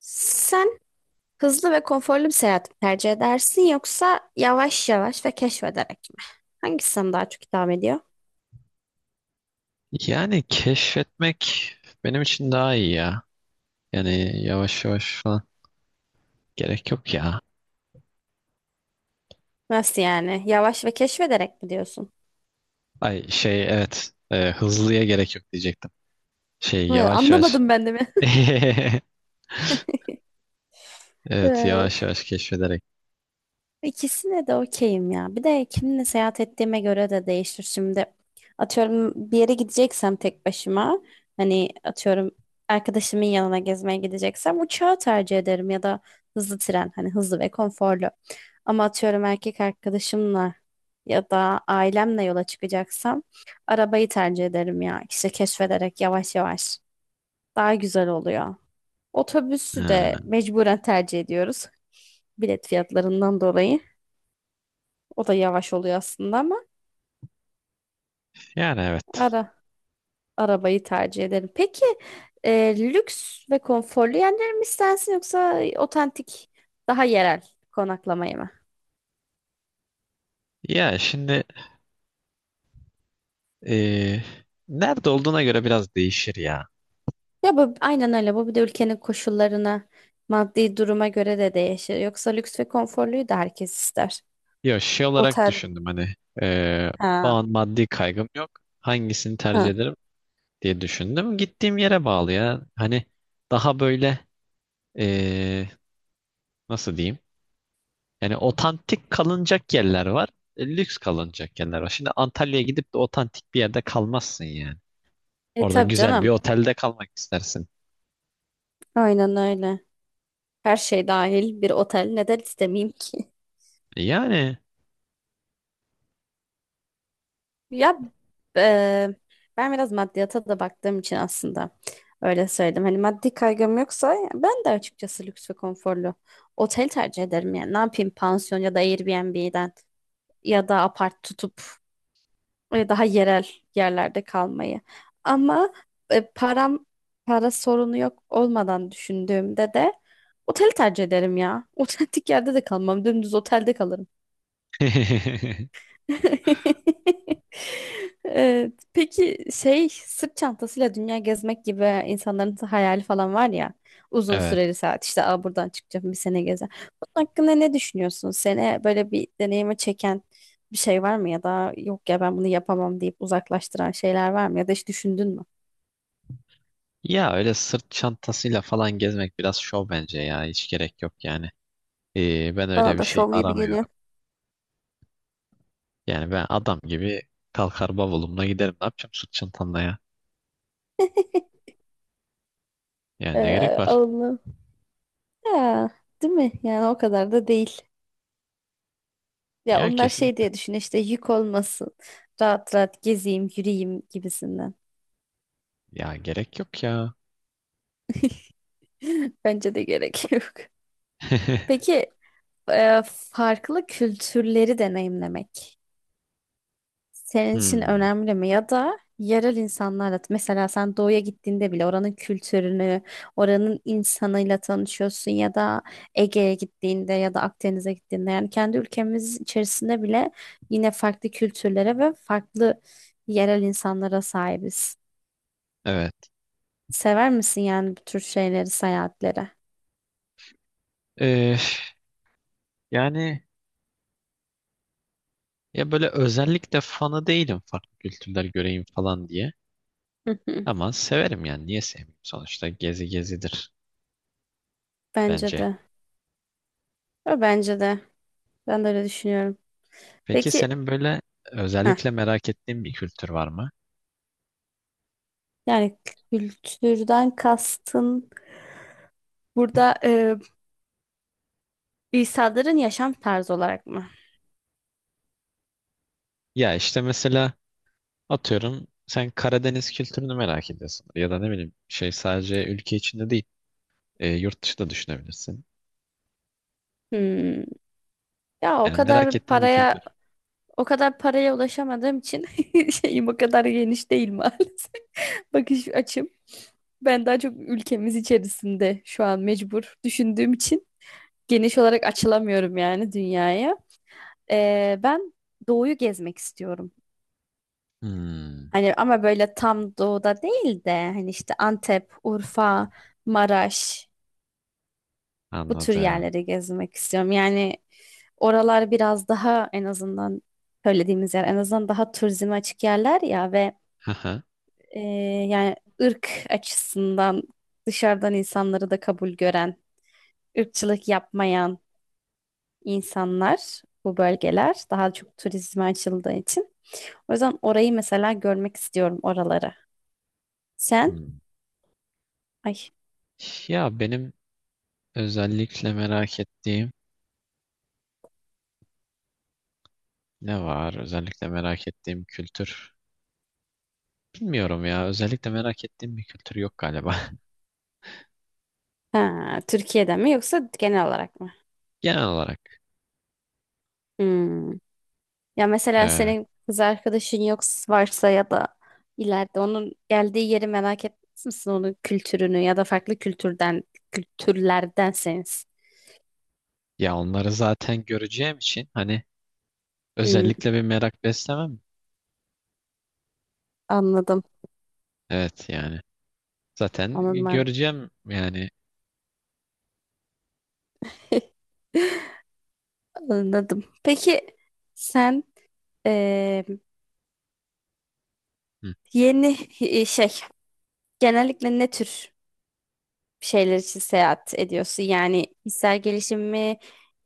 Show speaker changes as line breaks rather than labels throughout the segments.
Sen hızlı ve konforlu bir seyahat mi tercih edersin yoksa yavaş yavaş ve keşfederek mi? Hangisi sana daha çok hitap ediyor?
Yani keşfetmek benim için daha iyi ya. Yani yavaş yavaş falan gerek yok ya.
Nasıl yani? Yavaş ve keşfederek mi diyorsun?
Ay şey evet hızlıya gerek yok diyecektim. Şey yavaş yavaş.
Anlamadım ben de mi?
Evet yavaş yavaş keşfederek.
İkisine de okeyim ya. Bir de kiminle seyahat ettiğime göre de değişir. Şimdi atıyorum bir yere gideceksem tek başıma hani atıyorum arkadaşımın yanına gezmeye gideceksem uçağı tercih ederim ya da hızlı tren hani hızlı ve konforlu. Ama atıyorum erkek arkadaşımla ya da ailemle yola çıkacaksam arabayı tercih ederim ya. İşte keşfederek yavaş yavaş daha güzel oluyor. Otobüsü de
Ha,
mecburen tercih ediyoruz bilet fiyatlarından dolayı. O da yavaş oluyor aslında ama
yani evet.
ara arabayı tercih ederim. Peki lüks ve konforlu yerler mi istersin yoksa otantik daha yerel konaklamayı mı?
Ya şimdi e, nerede olduğuna göre biraz değişir ya.
Ya bu aynen öyle. Bu bir de ülkenin koşullarına, maddi duruma göre de değişir. Yoksa lüks ve konforluyu da herkes ister.
Yo şey olarak
Otel.
düşündüm hani, e, o
Ha.
an maddi kaygım yok. Hangisini tercih
Ha.
ederim diye düşündüm. Gittiğim yere bağlı ya. Hani daha böyle Ee, nasıl diyeyim? Yani otantik kalınacak yerler var. Lüks kalınacak yerler var. Şimdi Antalya'ya gidip de otantik bir yerde kalmazsın yani.
E
Orada
tabii
güzel bir
canım.
otelde kalmak istersin.
Aynen öyle. Her şey dahil bir otel neden istemeyeyim ki?
E, yani.
Ya eee, ben biraz maddiyata da baktığım için aslında öyle söyledim. Hani maddi kaygım yoksa ben de açıkçası lüks ve konforlu otel tercih ederim. Yani ne yapayım pansiyon ya da Airbnb'den ya da apart tutup daha yerel yerlerde kalmayı. Ama param para sorunu yok olmadan düşündüğümde de oteli tercih ederim ya. Otentik yerde de kalmam. Dümdüz otelde kalırım. Evet. Peki şey sırt çantasıyla dünya gezmek gibi insanların hayali falan var ya uzun
Evet.
süreli saat işte Buradan çıkacağım bir sene gezer. Bunun hakkında ne düşünüyorsun? Seni böyle bir deneyime çeken bir şey var mı ya da yok ya ben bunu yapamam deyip uzaklaştıran şeyler var mı ya da hiç düşündün mü?
Ya öyle sırt çantasıyla falan gezmek biraz şov bence ya. Hiç gerek yok yani. Ben öyle
Bana
bir
da
şey
şov gibi geliyor.
aramıyorum. Yani ben adam gibi kalkar bavulumla giderim. Ne yapacağım sırt çantamla ya? Yani ne gerek var?
Allah. Ya, değil mi? Yani o kadar da değil. Ya
Ya
onlar
kesin.
şey diye düşün işte yük olmasın. Rahat rahat gezeyim, yürüyeyim gibisinden.
Ya gerek yok ya.
Bence de gerek yok. Peki farklı kültürleri deneyimlemek senin için
Hmm.
önemli mi? Ya da yerel insanlarla mesela sen doğuya gittiğinde bile oranın kültürünü, oranın insanıyla tanışıyorsun ya da Ege'ye gittiğinde ya da Akdeniz'e gittiğinde yani kendi ülkemiz içerisinde bile yine farklı kültürlere ve farklı yerel insanlara sahibiz.
Evet.
Sever misin yani bu tür şeyleri, seyahatlere?
Ee, yani ya böyle özellikle fanı değilim farklı kültürler göreyim falan diye.
Hı hı.
Ama severim yani niye sevmeyeyim? Sonuçta gezi gezidir
Bence
bence.
de. Ve bence de. Ben de öyle düşünüyorum.
Peki
Peki,
senin böyle
heh,
özellikle merak ettiğin bir kültür var mı?
yani kültürden kastın burada insanların yaşam tarzı olarak mı?
Ya işte mesela atıyorum sen Karadeniz kültürünü merak ediyorsun. Ya da ne bileyim şey sadece ülke içinde değil, yurt dışı da düşünebilirsin.
Hmm. Ya
Yani merak ettiğin bir kültür.
o kadar paraya ulaşamadığım için şeyim o kadar geniş değil maalesef. Bakış açım. Ben daha çok ülkemiz içerisinde şu an mecbur düşündüğüm için geniş olarak açılamıyorum yani dünyaya. Ben doğuyu gezmek istiyorum.
Hmm,
Hani ama böyle tam doğuda değil de hani işte Antep, Urfa, Maraş bu tür
anladım.
yerleri gezmek istiyorum. Yani oralar biraz daha en azından söylediğimiz yer en azından daha turizme açık yerler ya ve
Haha.
e, yani ırk açısından dışarıdan insanları da kabul gören, ırkçılık yapmayan insanlar bu bölgeler daha çok turizme açıldığı için. O yüzden orayı mesela görmek istiyorum oraları. Sen?
Hmm.
Ay.
Ya benim özellikle merak ettiğim. Ne var? Özellikle merak ettiğim kültür. Bilmiyorum ya. Özellikle merak ettiğim bir kültür yok galiba.
Ha, Türkiye'den mi yoksa genel olarak mı?
Genel olarak.
Hmm. Ya mesela
e,
senin kız arkadaşın yoksa varsa ya da ileride onun geldiği yeri merak etmez misin? Onun kültürünü ya da farklı kültürden kültürlerdenseniz.
Ya onları zaten göreceğim için hani
Hmm,
özellikle bir merak beslemem.
anladım.
Evet yani. Zaten
Anladım. Ben.
göreceğim yani.
Anladım. Peki sen eee,
Hı.
yeni şey genellikle ne tür bir şeyler için seyahat ediyorsun? Yani kişisel gelişim mi,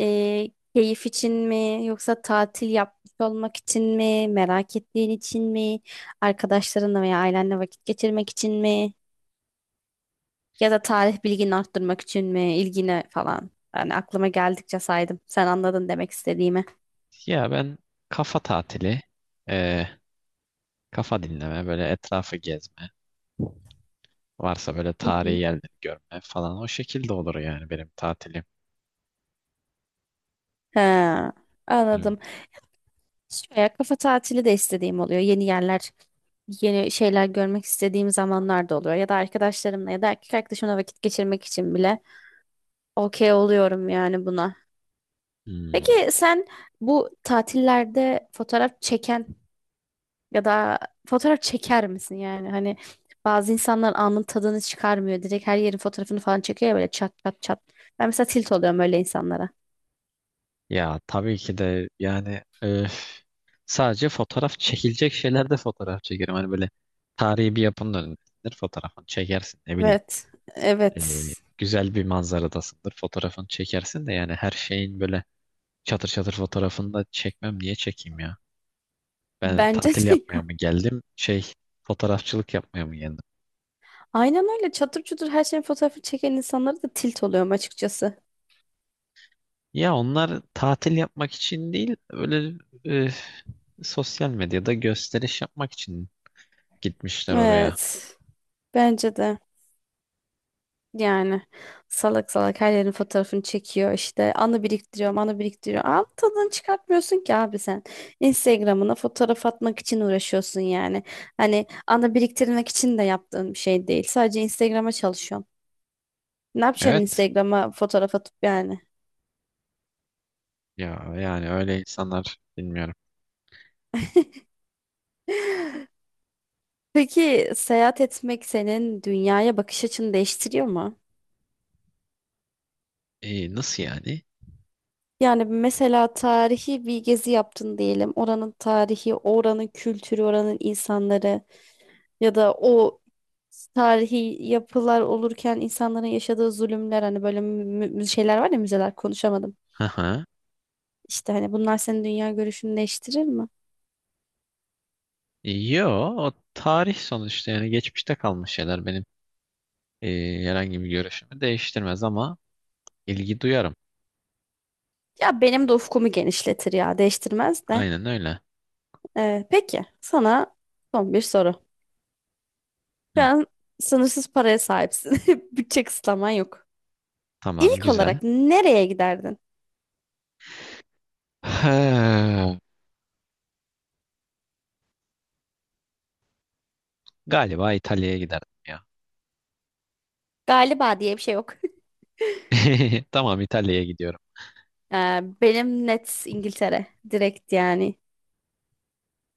keyif için mi, yoksa tatil yapmış olmak için mi, merak ettiğin için mi, arkadaşlarınla veya ailenle vakit geçirmek için mi, ya da tarih bilgini arttırmak için mi, ilgine falan. Yani aklıma geldikçe saydım. Sen anladın demek istediğimi.
Ya ben kafa tatili, e, kafa dinleme, böyle etrafı gezme. Varsa böyle
Hı
tarihi
hı.
yerleri görme falan. O şekilde olur yani benim tatilim.
Ha,
Hani,
anladım. Şöyle kafa tatili de istediğim oluyor. Yeni yerler, yeni şeyler görmek istediğim zamanlar da oluyor. Ya da arkadaşlarımla ya da erkek arkadaşımla vakit geçirmek için bile okey oluyorum yani buna.
hmm.
Peki sen bu tatillerde fotoğraf çeken ya da fotoğraf çeker misin yani? Hani bazı insanlar anın tadını çıkarmıyor. Direkt her yerin fotoğrafını falan çekiyor ya böyle çat çat çat. Ben mesela tilt oluyorum öyle insanlara.
Ya tabii ki de yani öf, sadece fotoğraf çekilecek şeylerde fotoğraf çekerim. Hani böyle tarihi bir yapının önündesindir fotoğrafını çekersin ne bileyim.
Evet, evet.
Güzel bir manzaradasındır fotoğrafını çekersin de yani her şeyin böyle çatır çatır fotoğrafını da çekmem niye çekeyim ya? Ben
Bence
tatil
de.
yapmaya mı geldim şey, fotoğrafçılık yapmaya mı geldim?
Aynen öyle çatır çutur her şeyin fotoğrafı çeken insanlara da tilt oluyorum açıkçası.
Ya onlar tatil yapmak için değil öyle, e, sosyal medyada gösteriş yapmak için gitmişler oraya.
Evet. Bence de. Yani salak salak her yerin fotoğrafını çekiyor işte anı biriktiriyor anı biriktiriyor. Al tadını çıkartmıyorsun ki abi sen. Instagram'ına fotoğraf atmak için uğraşıyorsun yani. Hani anı biriktirmek için de yaptığın bir şey değil. Sadece Instagram'a çalışıyorsun. Ne yapacaksın
Evet.
Instagram'a fotoğraf atıp yani?
Ya yani öyle insanlar bilmiyorum.
Peki seyahat etmek senin dünyaya bakış açını değiştiriyor mu?
E, nasıl yani?
Yani mesela tarihi bir gezi yaptın diyelim. Oranın tarihi, oranın kültürü, oranın insanları ya da o tarihi yapılar olurken insanların yaşadığı zulümler hani böyle şeyler var ya müzeler konuşamadım.
Hı hı.
İşte hani bunlar senin dünya görüşünü değiştirir mi?
Yo, o tarih sonuçta yani geçmişte kalmış şeyler benim, e, herhangi bir görüşümü değiştirmez ama ilgi duyarım.
Ya benim de ufkumu genişletir ya değiştirmez de.
Aynen öyle.
Peki sana son bir soru. Şu
Hı,
an sınırsız paraya sahipsin. Bütçe kısıtlaman yok.
tamam
İlk
güzel.
olarak nereye giderdin?
He, galiba İtalya'ya giderdim ya.
Galiba diye bir şey yok.
Tamam İtalya'ya gidiyorum.
Benim net İngiltere. Direkt yani.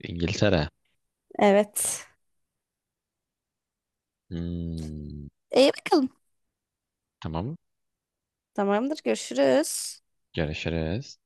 İngiltere.
Evet.
Hmm,
İyi bakalım.
tamam
Tamamdır. Görüşürüz.
görüşürüz.